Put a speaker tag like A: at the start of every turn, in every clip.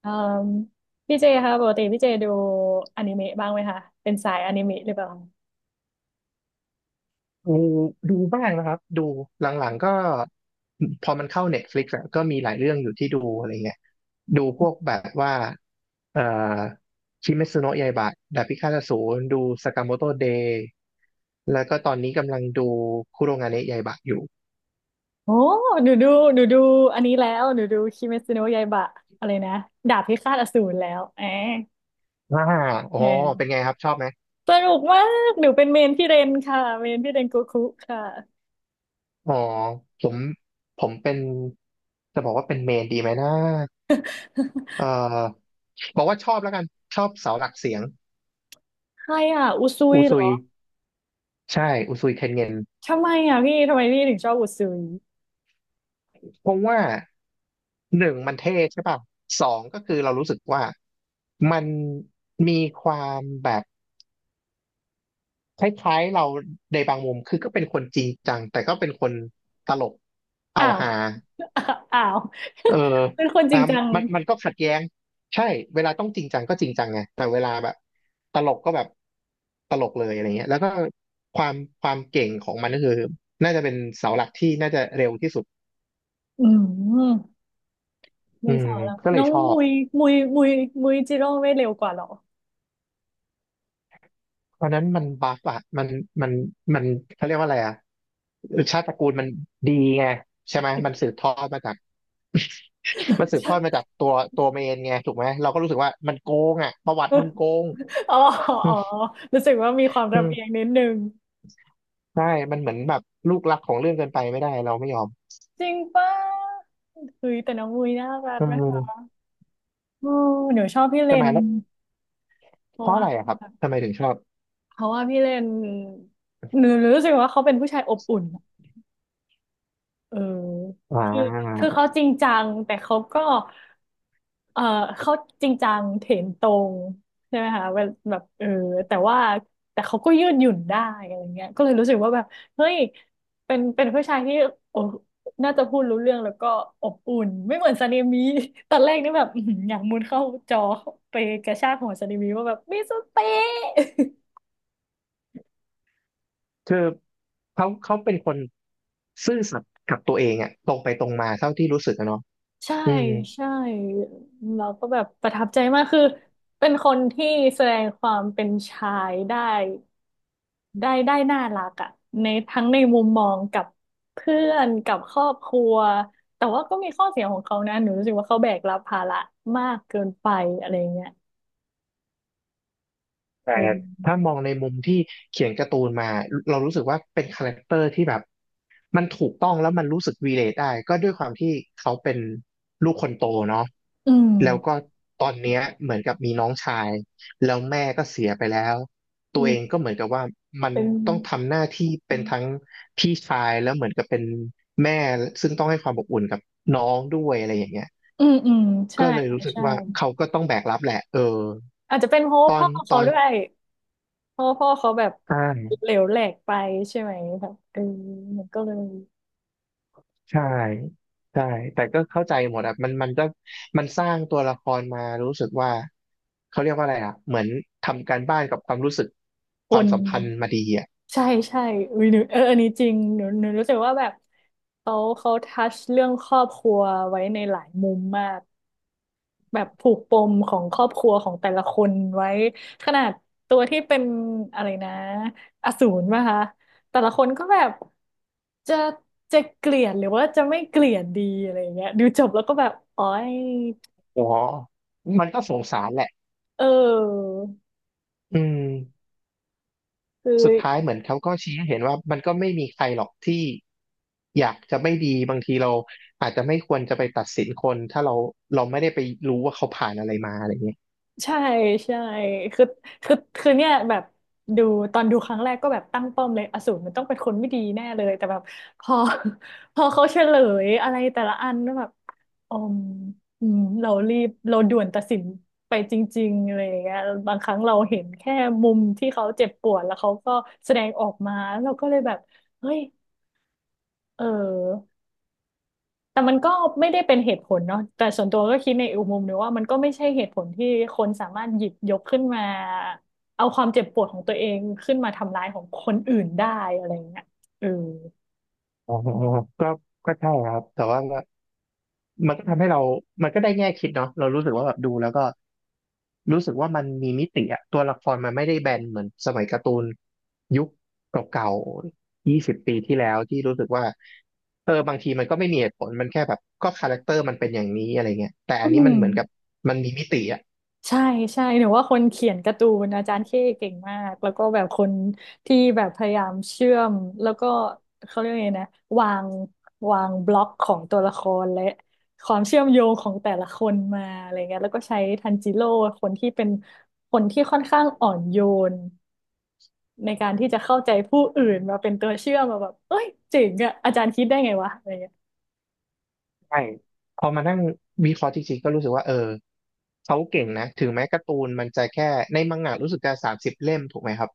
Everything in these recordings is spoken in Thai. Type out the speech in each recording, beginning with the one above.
A: เอ่มพี่เจคะปกติพี่เจดูอนิเมะบ้างไหมคะเป็นสายอนิเมะหรือเปล่า
B: ดูดูบ้างนะครับดูหลังๆก็พอมันเข้า Netflix อะก็มีหลายเรื่องอยู่ที่ดูอะไรเงี้ยดูพวกแบบว่าเอ่อคิเมซุโนะยาอิบะดาบพิฆาตอสูรดูสากาโมโตเดย์แล้วก็ตอนนี้กำลังดูคุโรงาเนะยาอิบะอยู่
A: โอ้หนูดูหนูดูอันนี้แล้วหนูดูคิเมซิโนะยาอิบะอะไรนะดาบพิฆาตอสูรแล้วแอะ
B: อ่าอ๋อ
A: แอ
B: เป็น
A: ะ
B: ไงครับชอบไหม
A: สนุกมากหนูเป็นเมนพี่เรนค่ะเมนพี่เรนโกคุค่ะ
B: อ๋อผมผมเป็นจะบอกว่าเป็นเมนดีไหมนะเอ่อบอกว่าชอบแล้วกันชอบเสาหลักเสียง
A: ใครอ่ะอุซุย
B: อู
A: เหร
B: ซุ
A: อ
B: ยใช่อุซุยเทนเงิน
A: ทำไมอ่ะพี่ทำไมพี่ถึงชอบอุซุย
B: เพราะว่าหนึ่งมันเท่ใช่ป่ะสองก็คือเรารู้สึกว่ามันมีความแบบคล้ายๆเราในบางมุมคือก็เป็นคนจริงจังแต่ก็เป็นคนตลกเอา
A: อ้าว
B: ฮา
A: อ้าว
B: เออ
A: เป็นคนจ
B: อ่ะ
A: ริงจัง
B: มันก็ขัดแย้งใช่เวลาต้องจริงจังก็จริงจังไงแต่เวลาแบบตลกก็แบบตลกเลยอะไรเงี้ยแล้วก็ความความเก่งของมันก็คือน่าจะเป็นเสาหลักที่น่าจะเร็วที่สุด
A: อืม
B: อื
A: มีส
B: ม
A: องแล้ว
B: ก็เล
A: น้
B: ย
A: อง
B: ชอ
A: มุ
B: บ
A: ยมุยมุยจิโร่ไม่เร็วกว่าเหรอ
B: เพราะนั้นมันบัฟอะมันมันเขาเรียกว่าอะไรอะชาติตระกูลมันดีไงใช่ไหมมันสืบทอดมาจากมันสืบทอดมาจาก ตัวตัวเมนไงถูกไหมเราก็รู้สึกว่ามันโกงอะประวัติมึงโกง
A: อ๋อ
B: อื
A: อ๋อ
B: ม
A: รู้สึกว่ามีความ
B: อื
A: ลำเอียง
B: ม
A: นิดนึง
B: ใช่มันเหมือนแบบลูกรักของเรื่องเกินไปไม่ได้เราไม่ยอม
A: จริงป่ะคือแต่น้องมุยน่ารัก
B: อื
A: นะคะ
B: ม
A: โอ้หนูชอบพี่เล
B: ทำไหม
A: น
B: แล้ว
A: เพ
B: เพ
A: ราะ
B: ราะอะ
A: ว่า
B: ไรอะครับทำไมถึงชอบ
A: เพราะว่าพี่เลนหนูรู้สึกว่าเขาเป็นผู้ชายอบอุ่น เออ
B: อ่
A: คือคื
B: า
A: อเขาจริงจัง แต่เขาก็เออเขาจริงจังเถนตรงใช่ไหมคะเวลแบบเออแต่ว่า แต่เขาก็ยืดหยุ่นได้อะไรเงี้ยก็เลยรู้สึกว่าแบบ เฮ้ย เป็นผู้ชายที่โอ้น่าจะพูดรู้เรื่องแล้วก็อบอุ่น ไม่เหมือนซาเนมิ ตอนแรกนี่แบบอื้อหืออยากมุดเข้าจอไปกระชากหัวซาเนมิว่าแบบมิสเตอร์เตะ
B: คือเขาเขาเป็นคนซื่อสัตย์กับตัวเองอะตรงไปตรงมาเท่าที่รู้สึกอะเนาะ
A: ใช่
B: อืม
A: ใช่เราก็แบบประทับใจมากคือเป็นคนที่แสดงความเป็นชายได้ได้น่ารักอะในทั้งในมุมมองกับเพื่อนกับครอบครัวแต่ว่าก็มีข้อเสียของเขานะหนูรู้สึกว่าเขาแบกรับภาระมากเกินไปอะไรเงี้ย
B: แต่
A: เออ
B: ถ้ามองในมุมที่เขียนการ์ตูนมา เรารู้สึกว่าเป็นคาแรคเตอร์ที่แบบมันถูกต้องแล้วมันรู้สึกวีเลทได้ ก็ด้วยความที่เขาเป็นลูกคนโตเนาะ
A: อืม
B: แล้วก็ตอนเนี้ยเหมือนกับมีน้องชาย แล้วแม่ก็เสียไปแล้ว
A: อื
B: ตัวเอ
A: ม
B: งก็เหมือนกับว่ามัน
A: เป็น
B: ต้องทำหน้าที่เป็นทั้งพี่ชายแล้วเหมือนกับเป็นแม่ ซึ่งต้องให้ความอบอุ่นกับน้องด้วยอะไรอย่างเงี้ย
A: อืมอืมใช่
B: ก็เลย
A: ค่ะ
B: รู้สึก
A: ใช่
B: ว่าเขาก็ต้องแบกรับแหละเออ
A: อาจจะเป็นเพราะ
B: ต
A: ว่า
B: อ
A: พ่อ
B: นต
A: เขา
B: อน
A: ด้วยเพราะว่าพ่อเขาแบบ
B: ใช่
A: เหลวแหลกไปใช่ไหมแบบเออมันก็เลย
B: ใช่ใช่แต่ก็เข้าใจหมดอ่ะมันก็มันสร้างตัวละครมารู้สึกว่าเขาเรียกว่าอะไรอ่ะเหมือนทำการบ้านกับความรู้สึกค
A: ค
B: วาม
A: น
B: สัมพันธ์มาดีอ่ะ
A: ใช่ใช่อุ้ยหนูเอออันนี้จริงหนูหนูรู้สึกว่าแบบเขาทัชเรื่องครอบครัวไว้ในหลายมุมมากแบบผูกปมของครอบครัวของแต่ละคนไว้ขนาดตัวที่เป็นอะไรนะอสูรป่ะคะแต่ละคนก็แบบจะจะเกลียดหรือว่าจะไม่เกลียดดีอะไรอย่างเงี้ยดูจบแล้วก็แบบอ๋อย
B: อ๋อมันก็สงสารแหละ
A: เออ
B: อืม
A: คือ
B: สุดท้ายเหมือนเขาก็ชี้ให้เห็นว่ามันก็ไม่มีใครหรอกที่อยากจะไม่ดีบางทีเราอาจจะไม่ควรจะไปตัดสินคนถ้าเราเราไม่ได้ไปรู้ว่าเขาผ่านอะไรมาอะไรเงี้ย
A: ใช่ใช่คือคือเนี่ยแบบดูตอนดูครั้งแรกก็แบบตั้งป้อมเลยอสูรมันต้องเป็นคนไม่ดีแน่เลยแต่แบบพอ พอเขาเฉลยอะไรแต่ละอันก็แบบอืมอืมเรารีบเราด่วนตัดสินไปจริงๆอะไรอย่างเงี้ยบางครั้งเราเห็นแค่มุมที่เขาเจ็บปวดแล้วเขาก็แสดงออกมาเราก็เลยแบบเฮ้ยเออ แต่มันก็ไม่ได้เป็นเหตุผลเนาะแต่ส่วนตัวก็คิดในอีกมุมหนึงว่ามันก็ไม่ใช่เหตุผลที่คนสามารถหยิบยกขึ้นมาเอาความเจ็บปวดของตัวเองขึ้นมาทำร้ายของคนอื่นได้อะไรอย่างเงี้ยเออ
B: อ๋อก็ก็ใช่ครับแต่ว่า มันก็ทำให้เรามันก็ได้แง่คิดเนาะเรารู้สึกว่าแบบดูแล้วก็รู้สึกว่ามันมีมิติอะตัวละครมันไม่ได้แบนเหมือนสมัยการ์ตูนยุคเก่าๆ20 ปีที่แล้วที่รู้สึกว่าเออบางทีมันก็ไม่มีเหตุผล มันแค่แบบก็คาแรคเตอร์มันเป็นอย่างนี้อะไรเงี้ยแต่อั
A: อื
B: นนี้มั
A: ม
B: นเหมือนกับมันมีมิติอะ
A: ใช่ใช่หนูว่าคนเขียนการ์ตูนอาจารย์เข้เก่งมากแล้วก็แบบคนที่แบบพยายามเชื่อมแล้วก็เขาเรียกไงนะวางวางบล็อกของตัวละครและความเชื่อมโยงของแต่ละคนมาอะไรเงี้ยแล้วก็ใช้ทันจิโร่คนที่เป็นคนที่ค่อนข้างอ่อนโยนในการที่จะเข้าใจผู้อื่นมาเป็นตัวเชื่อมมาแบบเอ้ยเจ๋งอะอาจารย์คิดได้ไงวะอะไรเงี้ย
B: ใช่พอมานั่งวิเคราะห์จริงๆก็รู้สึกว่าเออเขาเก่งนะถึงแม้การ์ตูนมันจะแค่ในมังงะรู้สึกจะ30 เล่มถูกไหมครับ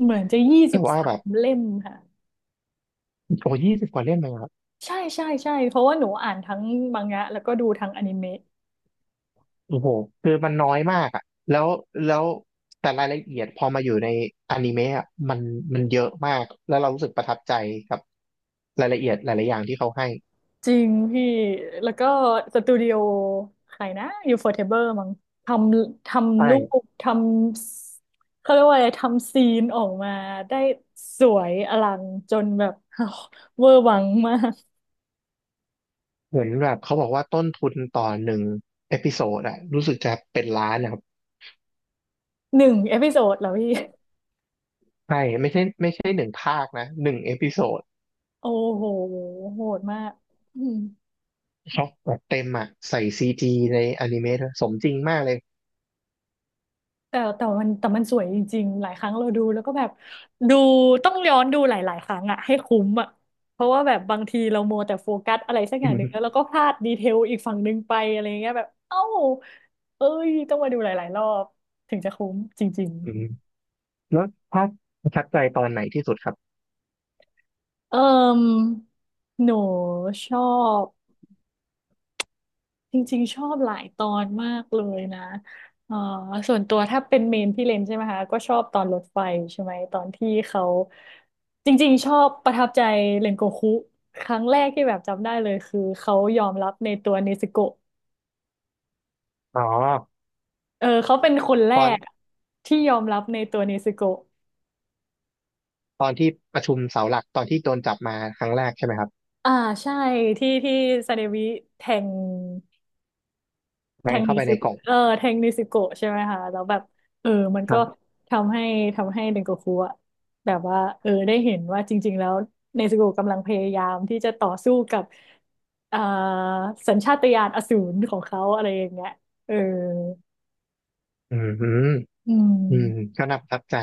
A: เหมือนจะยี่สิ
B: แต่
A: บ
B: ว่า
A: สา
B: แบ
A: ม
B: บ
A: เล่มค่ะ
B: โอ้20 กว่าเล่มเลย
A: ใช่ใช่ใช่เพราะว่าหนูอ่านทั้งมังงะแล้วก็ดูทั้งอนิเมะ
B: โอ้โหคือมันน้อยมากอ่ะแล้วแล้วแต่รายละเอียดพอมาอยู่ในอนิเมะอะมันมันเยอะมากแล้วเรารู้สึกประทับใจกับรายละเอียดหลายๆอย่างที่เขาให้
A: จริงพี่แล้วก็สตูดิโอใครนะอยู่ฟอร์เทเบอร์มั้งททำรู
B: ใช่
A: ปทำเขาเรียกว่าอะไรทำซีนออกมาได้สวยอลังจนแบบ เวอร์วังมาก
B: เหมือนแบบเขาบอกว่าต้นทุนต่อหนึ่งเอพิโซดอะรู้สึกจะเป็นล้านนะครับ
A: หนึ่งเอพิโซดเหรอพี่
B: ใช่ไม่ใช่ไม่ใช่หนึ่งภาคนะหนึ่งเอพิโซด
A: โอ้โหโหดมากอืม
B: ช็อปแบบเต็มอะใส่ซีจีในอนิเมะด้วยสมจริงมากเลย
A: แต่มันสวยจริงๆหลายครั้งเราดูแล้วก็แบบดูต้องย้อนดูหลายๆครั้งอะให้คุ้มอะเพราะว่าแบบบางทีเรามัวแต่โฟกัสอะไรสัก อ
B: อื
A: ย่างหนึ่งแล้ว
B: ม
A: เราก็พลาดดีเทลอีกฝั่งหนึ่งไปอะไรเงี้ยแบบเอ้าเอ้ยต้องมาดูหลายๆรอบถึงจะคุ้มจริง
B: อืมแล้วภาคประทับใจตอนไหนที่สุดครับ
A: ๆเอิ่มหนูชอบ จริงๆชอบหลายตอนมากเลยนะเอ่อส่วนตัวถ้าเป็นเมนพี่เลนใช่ไหมคะก็ชอบตอนรถไฟใช่ไหมตอนที่เขาจริงๆชอบประทับใจเรนโกคุครั้งแรกที่แบบจำได้เลยคือเขายอมรับในตัวเนซึโกะ
B: อ๋อ
A: เออเขาเป็นคนแร
B: ตอน
A: กที่ยอมรับในตัวเนซึโกะ
B: ตอนที่ประชุมเสาหลักตอนที่โดนจับมาครั้งแรกใช่ไหมครับ
A: อ่าใช่ที่ซาเดวิแทง
B: แม
A: แท
B: น
A: งนิ
B: เข้าไป
A: ซิ
B: ในกล่
A: โกะ
B: อง
A: เออแทงนิซิโกะใช่ไหมคะแล้วแบบเออมัน
B: ค
A: ก็
B: รับ
A: ทำให้ทำให้เดนโกคุอะแบบว่าเออได้เห็นว่าจริงๆ แล้วเนซึโกะกำลังพยายามที่จะต่อสู้กับอ่าสัญชาตญาณอสูรของเขาอะไรอย่างเงี้ยเออ
B: อืมอืม
A: อื
B: อืม
A: ม
B: ก็น่าประทับใจ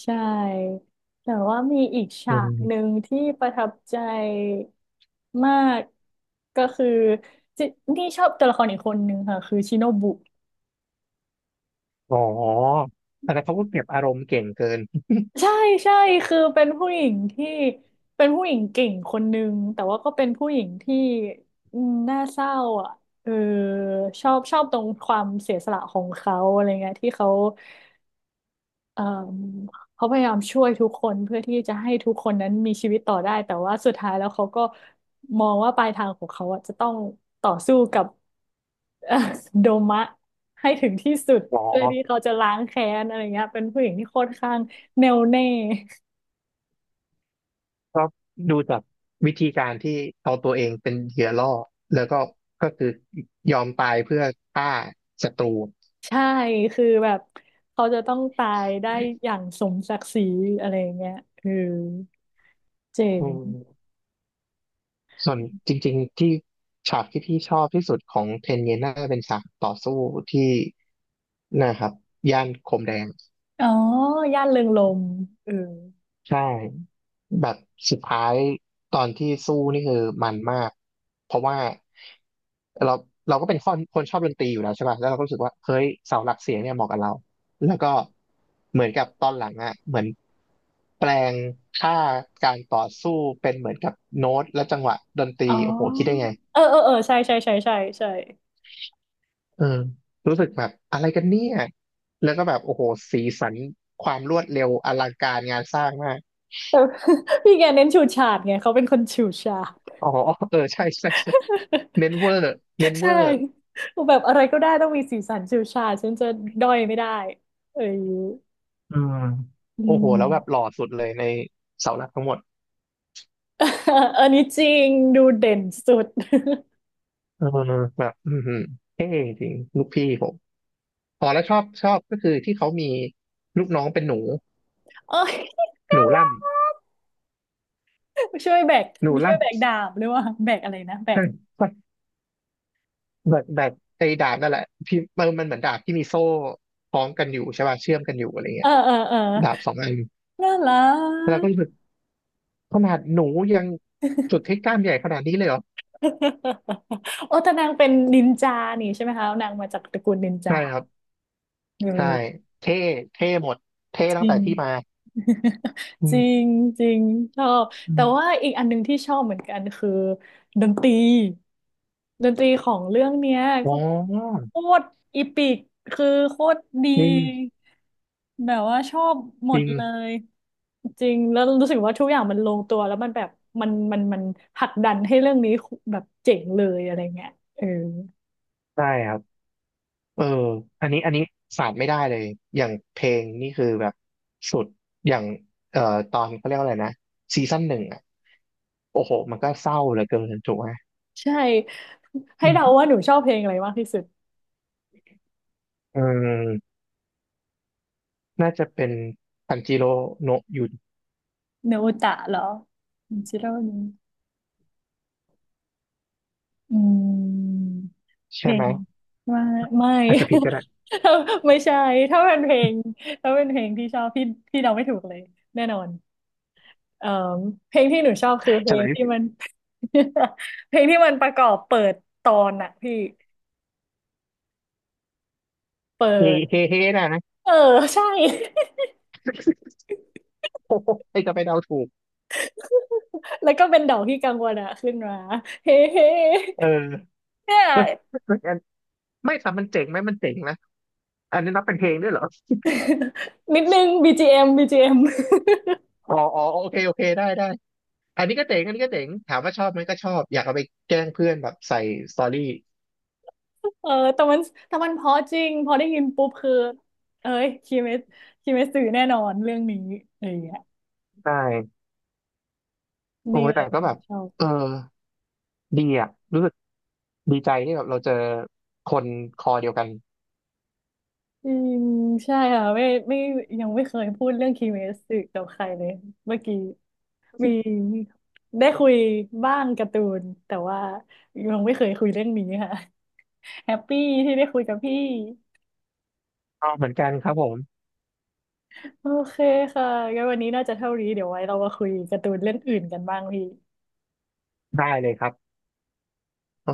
A: ใช่ แต่ว่ามีอีก
B: อื
A: ฉากหนึ่
B: ม
A: งที่ประทับใจมากก็คือจินี่ชอบตัวละครอีกคนหนึ่งค่ะ คือชิโนบุ
B: อ๋อแต่เขาก็เก็บอารมณ์เก่งเกิน
A: ใช่ใช่คือเป็นผู้หญิงที่เป็นผู้หญิงเก่งคนนึงแต่ว่าก็เป็นผู้หญิงที่อืมน่าเศร้าอ่ะเออชอบตรงความเสียสละของเขาอะไรเงี้ยที่เขาเออเขาพยายามช่วยทุกคนเพื่อที่จะให้ทุกคนนั้นมีชีวิตต่อได้แต่ว่าสุดท้ายแล้วเขาก็มองว่าปลายทางของเขาอ่ะจะต้องต่อสู้กับ เอ่อโดมะให้ถึงที่สุด
B: อ๋อ
A: เพื่อที่เขาจะล้างแค้นอะไรเงี้ยเป็นผู้หญิงที่ค่อนข้างแน่วแน่
B: ก็ดูจากวิธีการที่เอาตัวเองเป็นเหยื่อล่อแล้วก็คือยอมตายเพื่อฆ่าศัตรู
A: ใช่คือแบบเขาจะต้องตายได้อย่างสมศักดิ์ศรีอะไรอย่างเงี้ยเออเจ๋
B: อื
A: ง
B: มส่วนจริงๆที่ฉากที่พี่ชอบที่สุดของเทนเยน่าเป็นฉากต่อสู้ที่นะครับย่านโคมแดง
A: อ๋อย่านเริงรมย์เออ
B: ใช่แบบสุดท้ายตอนที่สู้นี่คือมันมากเพราะว่าเราเราก็เป็นคนชอบดนตรีอยู่แล้วใช่ป่ะแล้วเราก็รู้สึกว่าเฮ้ยเสาหลักเสียงเนี่ยเหมาะกับเราแล้วก็เหมือนกับตอนหลังอ่ะเหมือนแปลงค่าการต่อสู้เป็นเหมือนกับโน้ตและจังหวะดนตรี
A: อ๋อ
B: โอ้โหคิดได้ไง
A: เออเออเออใช่ใช่ใช่ใช่ใช่
B: เออรู้สึกแบบอะไรกันเนี่ยแล้วก็แบบโอ้โหสีสันความรวดเร็วอลังการงานสร้างมาก
A: แต่ พี่แกเน้นฉูดฉาดไงเขาเป็นคนฉูดฉาด
B: อ๋อเออใช่ใช่ใช่เมนเวอร์เมน
A: ใช
B: เวอร์
A: ่แบบอะไรก็ได้ต้องมีสีสันฉูดฉาดฉันจะด้อยไม่ได้เออ
B: อืม
A: อื
B: โอ้โห
A: ม
B: แล้วแบบหล่อสุดเลยในเสาหลักทั้งหมด
A: อันนี้จริงดูเด่นสุด
B: เออแบบอือเท่จริง ลูกพี่ผมอ๋อแล้วชอบชอบก็คือที่เขามีลูกน้องเป็นหนู
A: โอ้ย
B: ห
A: น่า
B: นูล่
A: รัก ช่วยแบก
B: ำหนู
A: มี
B: ล่
A: ช่วยแบกดาบหรือว่าแบกอะไรนะแบ
B: ำใช่
A: ก
B: ใช่แบบแบบไอ้ดาบนั่นแหละที่มันมันเหมือนดาบที่มีโซ่คล้องกันอยู่ใช่ป่ะเชื่อมกันอยู่อะไร
A: เอ
B: เงี้
A: อ
B: ย
A: เออเออ
B: ดาบสองอัน
A: น่ารั
B: แล้ว
A: ก
B: ก็รู้สึกขนาดหนูยังสุดที่กล้ามใหญ่ขนาดนี้เลยเหรอ
A: โอ้แต่นางเป็นนินจานี่ใช่ไหมคะนางมาจากตระกูลนินจา
B: ใช่ครับ
A: เ
B: ใช่
A: ออ
B: เท่เท่หมดเท่
A: จ
B: ตั้ง
A: ริ
B: แต่
A: ง
B: ที่มาอื
A: จ
B: ม
A: ริงจริงชอบ
B: อื
A: แต่
B: ม
A: ว่าอีกอันหนึงที่ชอบเหมือนกันคือดนตรีดนตรีของเรื่องเนี้ย
B: อ๋
A: ก็
B: อ
A: โคตรอีปิกคือโคตรดี
B: อื
A: แบบว่าชอบหม
B: จ
A: ด
B: ริง
A: เลยจริงแล้วรู้สึกว่าทุกอย่างมันลงตัวแล้วมันแบบมันผลักดันให้เรื่องนี้แบบเจ๋งเลยอะไรเงี้ยเออ
B: ใช่ครับเอออันนี้ขาดไม่ได้เลยอย่างเพลงนี่คือแบบสุดอย่างเอ่อตอนเขาเรียกว่าอะไรนะซีซั่นหนึ่งอ่ะโอ้โหมันก็เศร้าเหลือเกินถูกไหม
A: ใช่ให้
B: อื
A: เดา
B: ม
A: ว่าหนูชอบเพลงอะไรมากที่สุด
B: เออน่าจะเป็นทันจิโร่โนะยุน
A: เนโอตะเหรอจิโร่ อืมเพ
B: ใช่
A: ล
B: ไหม
A: งไม่ไม่
B: อาจจะ ผิดก็ได้
A: ไม่ใช่ถ้าเป็นเพลงถ้าเป็นเพลงที่ชอบพี่พี่เดาไม่ถูกเลยแน่นอนเอ่อเพลงที่หนูชอบคือเพ
B: เฉ
A: ล
B: ล
A: งที่
B: ย
A: มัน เพลงที่มันประกอบเปิดตอนอะพี่เปิ
B: เฮ
A: ด
B: เฮเฮนะนะ
A: เออใช่
B: โอ้โหใครจะไปเดาถูก
A: แล้วก็เป็นดอกที่กังวลอะขึ้นมา เฮ้เฮ้
B: เออ
A: เนี่ย
B: ไม่แต่มันเจ๋งไหมมันเจ๋งนะอันนี้นับเป็นเพลงด้วยเหรอ
A: นิดนึงบีจีเ BGM
B: อ๋ออ๋อโอเคโอเคได้ได้อันนี้ก็เจ๋งอันนี้ก็เจ๋งถามว่าชอบไหมก็ชอบอยากเอาไปแกล้งเพื่อนแบบใส่สตอรี่
A: เออแต่มันเพราะจริงพอได้ยินปุ๊บคือเอ้ยคิเมสคิเมสสื่อแน่นอนเรื่องนี้อะไรอย่างเงี้ย
B: ได้โอ้
A: นี่
B: ย
A: เล
B: แต่
A: ย
B: ก็แบบ
A: ชอบ
B: เออดีอ่ะรู้สึกดีใจที่แบบเราเจอคนคอเดียวกัน
A: จริงใช่ค่ะไม่ยังไม่เคยพูดเรื่องคิเมสสื่อกับใครเลยเมื่อกี้มีได้คุยบ้างการ์ตูนแต่ว่ายังไม่เคยคุยเรื่องนี้ค่ะแฮปปี้ที่ได้คุยกับพี่
B: อ๋อเหมือนกันครับผม
A: โอเคค่ะงั้นวันนี้น่าจะเท่านี้เดี๋ยวไว้เรามาคุยการ์ตูนเรื่องอื่นกันบ้างพี่
B: ได้เลยครับ